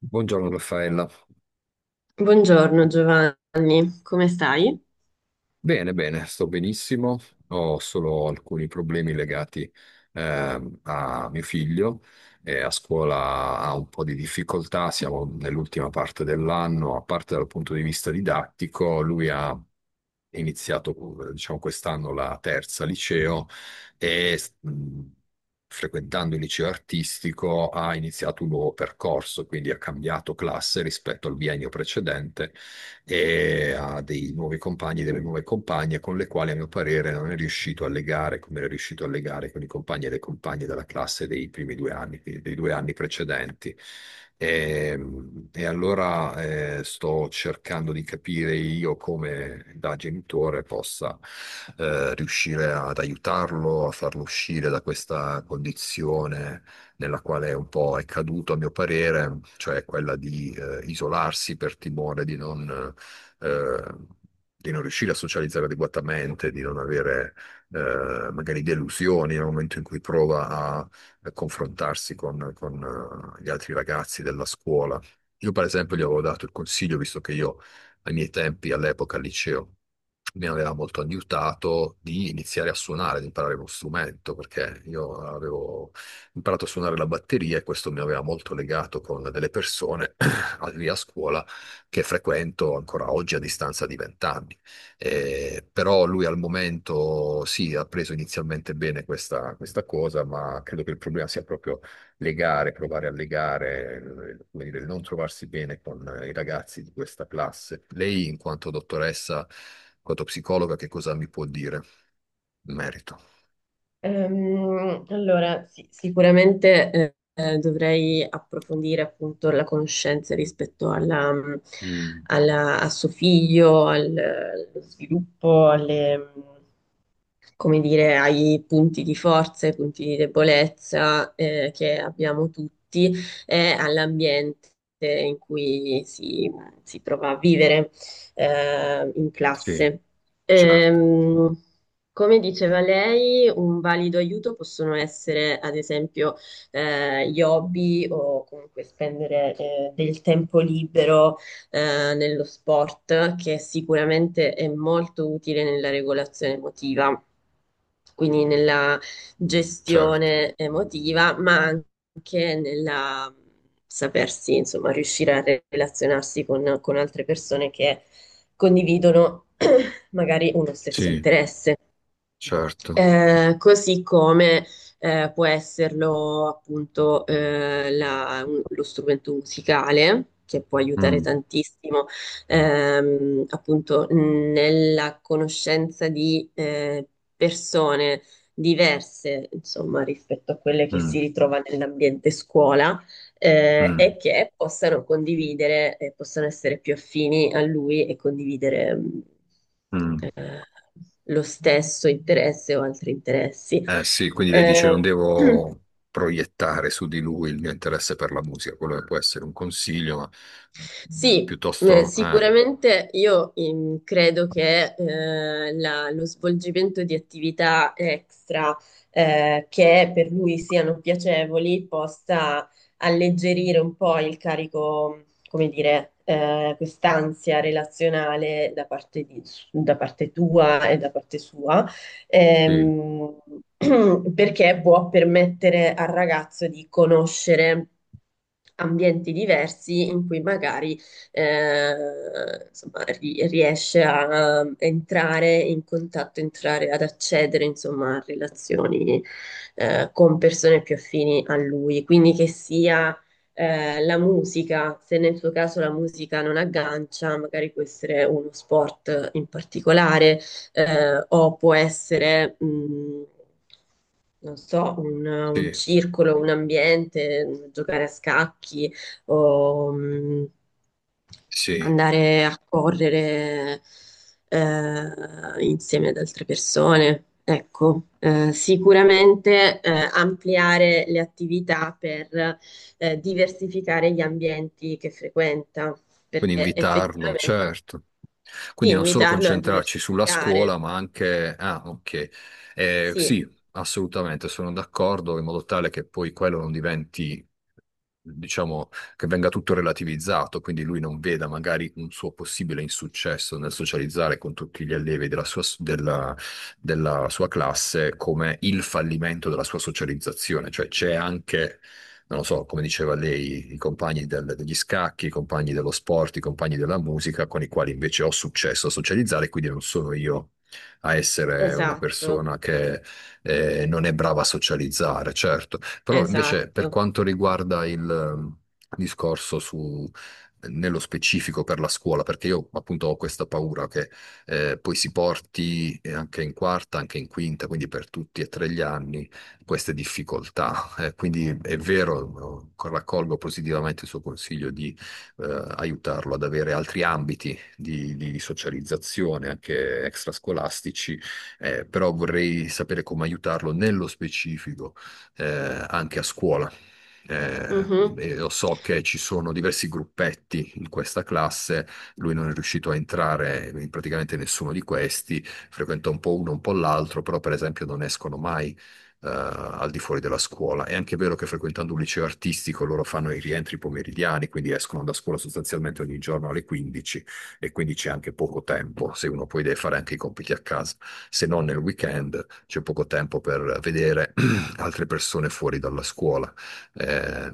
Buongiorno Raffaella. Buongiorno Giovanni, come stai? Bene, bene, sto benissimo. Ho solo alcuni problemi legati a mio figlio. A scuola ha un po' di difficoltà, siamo nell'ultima parte dell'anno, a parte dal punto di vista didattico, lui ha iniziato, diciamo, quest'anno la terza liceo e frequentando il liceo artistico ha iniziato un nuovo percorso, quindi ha cambiato classe rispetto al biennio precedente e ha dei nuovi compagni, delle nuove compagne con le quali a mio parere non è riuscito a legare come era riuscito a legare con i compagni e le compagne della classe dei primi due anni, quindi dei due anni precedenti. E, e allora sto cercando di capire io come da genitore possa riuscire ad aiutarlo, a farlo uscire da questa condizione nella quale un po' è caduto, a mio parere, cioè quella di isolarsi per timore eh, di non riuscire a socializzare adeguatamente, di non avere magari delusioni nel momento in cui prova a confrontarsi con gli altri ragazzi della scuola. Io, per esempio, gli avevo dato il consiglio, visto che io ai miei tempi, all'epoca, al liceo, mi aveva molto aiutato di iniziare a suonare, di imparare uno strumento, perché io avevo imparato a suonare la batteria e questo mi aveva molto legato con delle persone lì a scuola che frequento ancora oggi a distanza di vent'anni. Però lui al momento sì, ha preso inizialmente bene questa cosa, ma credo che il problema sia proprio legare, provare a legare, come dire, il non trovarsi bene con i ragazzi di questa classe. Lei, in quanto dottoressa, in quanto psicologa, che cosa mi può dire in merito? Allora, sì, sicuramente, dovrei approfondire appunto la conoscenza rispetto alla, Mm, a suo figlio, allo sviluppo, alle, come dire, ai punti di forza, ai punti di debolezza, che abbiamo tutti e all'ambiente in cui si trova a vivere, in sì, classe. certo, Ehm, Come diceva lei, un valido aiuto possono essere, ad esempio, gli hobby o comunque spendere del tempo libero, nello sport, che sicuramente è molto utile nella regolazione emotiva, quindi nella certo, gestione emotiva, ma anche nella sapersi, insomma, riuscire a relazionarsi con altre persone che condividono magari uno stesso sì, interesse. certo. Così come può esserlo appunto lo strumento musicale, che può aiutare Mm, tantissimo, appunto nella conoscenza di persone diverse, insomma, rispetto a quelle che si mm, ritrova nell'ambiente scuola, mm, e che possano condividere, e possano essere più affini a lui e condividere mm. eh, lo stesso interesse o altri interessi. Eh sì, quindi lei dice non Eh, devo proiettare su di lui il mio interesse per la musica, quello che può essere un consiglio, ma Sì, piuttosto... sicuramente io, credo che lo svolgimento di attività extra, che per lui siano piacevoli possa alleggerire un po' il carico, come dire, quest'ansia relazionale da parte tua e da parte sua sì, ehm, perché può permettere al ragazzo di conoscere ambienti diversi in cui magari, insomma, riesce a entrare in contatto, entrare ad accedere, insomma, a relazioni, con persone più affini a lui, quindi che sia la musica, se nel suo caso la musica non aggancia, magari può essere uno sport in particolare, o può essere, non so, un sì, circolo, un ambiente, giocare a scacchi o, sì. andare a correre, insieme ad altre persone. Ecco, sicuramente ampliare le attività per diversificare gli ambienti che frequenta, Quindi perché invitarlo, effettivamente certo. sì, Quindi non solo invitarlo a concentrarci sulla diversificare, scuola, ma anche... Ah, ok. Sì. Sì, assolutamente, sono d'accordo, in modo tale che poi quello non diventi, diciamo, che venga tutto relativizzato, quindi lui non veda magari un suo possibile insuccesso nel socializzare con tutti gli allievi della sua, della sua classe come il fallimento della sua socializzazione, cioè c'è anche non lo so, come diceva lei, i compagni del- degli scacchi, i compagni dello sport, i compagni della musica, con i quali invece ho successo a socializzare, quindi non sono io a essere una Esatto, persona che non è brava a socializzare, certo. Però invece per esatto. quanto riguarda il discorso su... Nello specifico per la scuola, perché io appunto ho questa paura che poi si porti anche in quarta, anche in quinta, quindi per tutti e tre gli anni queste difficoltà quindi è vero, raccolgo positivamente il suo consiglio di aiutarlo ad avere altri ambiti di socializzazione, anche extrascolastici, però vorrei sapere come aiutarlo nello specifico eh, anche a scuola. Eh, Mhm, e lo so che ci sono diversi gruppetti in questa classe, lui non è riuscito a entrare in praticamente nessuno di questi, frequenta un po' uno, un po' l'altro, però per esempio non escono mai. Al di fuori della scuola. È anche vero che frequentando un liceo artistico loro fanno i rientri pomeridiani, quindi escono da scuola sostanzialmente ogni giorno alle 15 e quindi c'è anche poco tempo, se uno poi deve fare anche i compiti a casa, se non nel weekend c'è poco tempo per vedere altre persone fuori dalla scuola eh,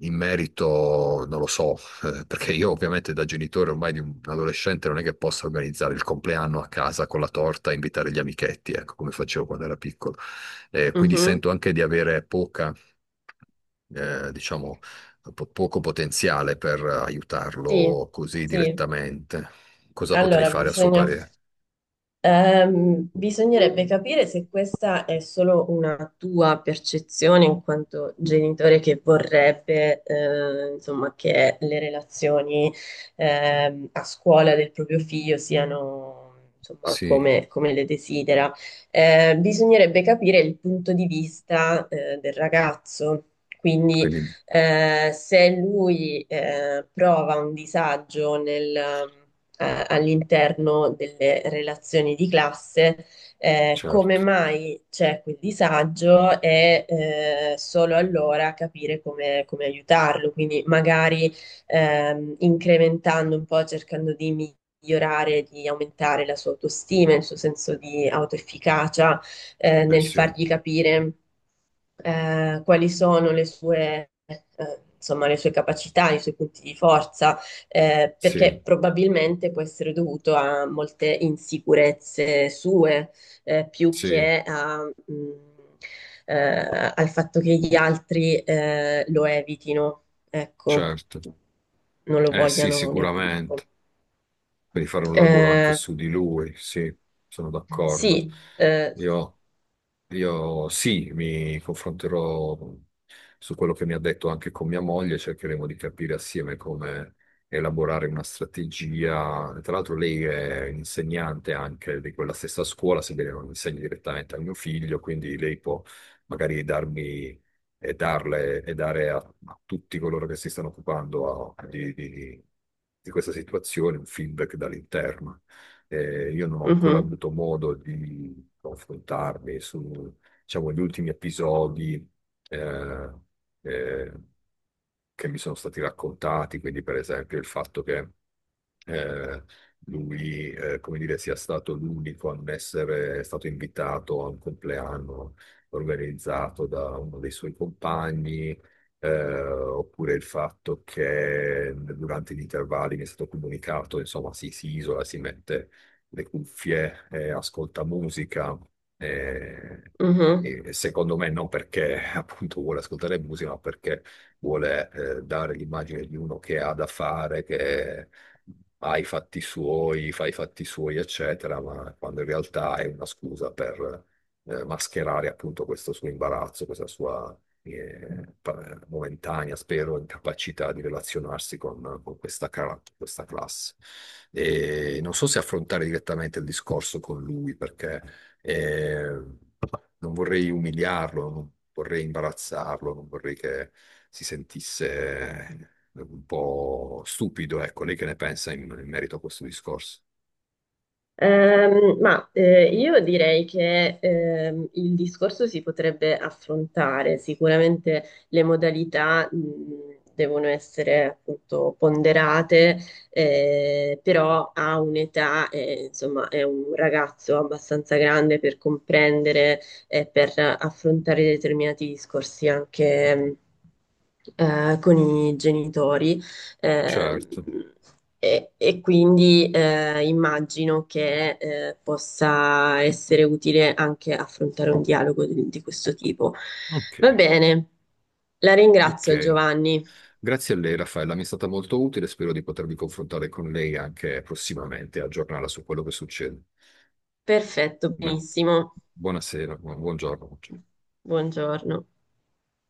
in merito, non lo so, perché io ovviamente da genitore ormai di un adolescente non è che possa organizzare il compleanno a casa con la torta e invitare gli amichetti, ecco, come facevo quando era piccolo. Quindi mhm. sento anche di avere poca, diciamo, po- poco potenziale per Sì, aiutarlo così sì. direttamente. Cosa potrei Allora, fare a suo parere? Bisognerebbe capire se questa è solo una tua percezione in quanto genitore che vorrebbe, insomma, che le relazioni, a scuola del proprio figlio siano, insomma, Sì, come, come le desidera. Bisognerebbe capire il punto di vista, del ragazzo. Quindi, quindi se lui prova un disagio all'interno delle relazioni di classe, come certo, mai c'è quel disagio e, solo allora capire come, come aiutarlo, quindi magari, incrementando un po', cercando di migliorare, di aumentare la sua autostima, il suo senso di autoefficacia, eh nel sì, fargli capire quali sono le sue, insomma, le sue capacità, i suoi punti di forza, sì, perché probabilmente può essere dovuto a molte insicurezze sue, più sì, che a, mh, al fatto che gli altri lo evitino, ecco, certo. non lo Eh sì, vogliano nel sicuramente, gruppo. per fare un lavoro anche Eh su di lui, sì, sono d'accordo. sì, Io, io sì, mi confronterò su quello che mi ha detto anche con mia moglie, cercheremo di capire assieme come elaborare una strategia. Tra l'altro lei è insegnante anche di quella stessa scuola, sebbene non insegni direttamente al mio figlio, quindi lei può magari darmi e darle e dare a tutti coloro che si stanno occupando a- di questa situazione un feedback dall'interno. Io non ho ancora mhm, avuto modo di confrontarmi su, diciamo, gli ultimi episodi eh, eh, che mi sono stati raccontati, quindi per esempio il fatto che eh, lui, come dire, sia stato l'unico a non essere stato invitato a un compleanno organizzato da uno dei suoi compagni, oppure il fatto che durante gli intervalli mi è stato comunicato, insomma, si isola, si mette le cuffie, ascolta musica. eh, mhm. e secondo me non perché appunto vuole ascoltare musica, ma perché vuole dare l'immagine di uno che ha da fare, che ha i fatti suoi, fa i fatti suoi, eccetera, ma quando in realtà è una scusa per mascherare appunto questo suo imbarazzo, questa sua pa- momentanea, spero, incapacità di relazionarsi con questa, cara- questa classe. E non so se affrontare direttamente il discorso con lui, perché... eh, non vorrei umiliarlo, non vorrei imbarazzarlo, non vorrei che si sentisse un po' stupido. Ecco, lei che ne pensa in merito a questo discorso? Ma, io direi che, il discorso si potrebbe affrontare, sicuramente le modalità devono essere appunto ponderate, però ha un'età, insomma è un ragazzo abbastanza grande per comprendere e per affrontare determinati discorsi anche, con i genitori. Ehm, Certo, e, quindi immagino che possa essere utile anche affrontare un dialogo di questo tipo. ok, Va bene, la ringrazio ok. Giovanni. Grazie a lei, Raffaella, mi è stata molto utile, spero di potermi confrontare con lei anche prossimamente, e aggiornarla su quello che succede. Perfetto, Bene. benissimo. Buonasera, buongiorno. Buongiorno.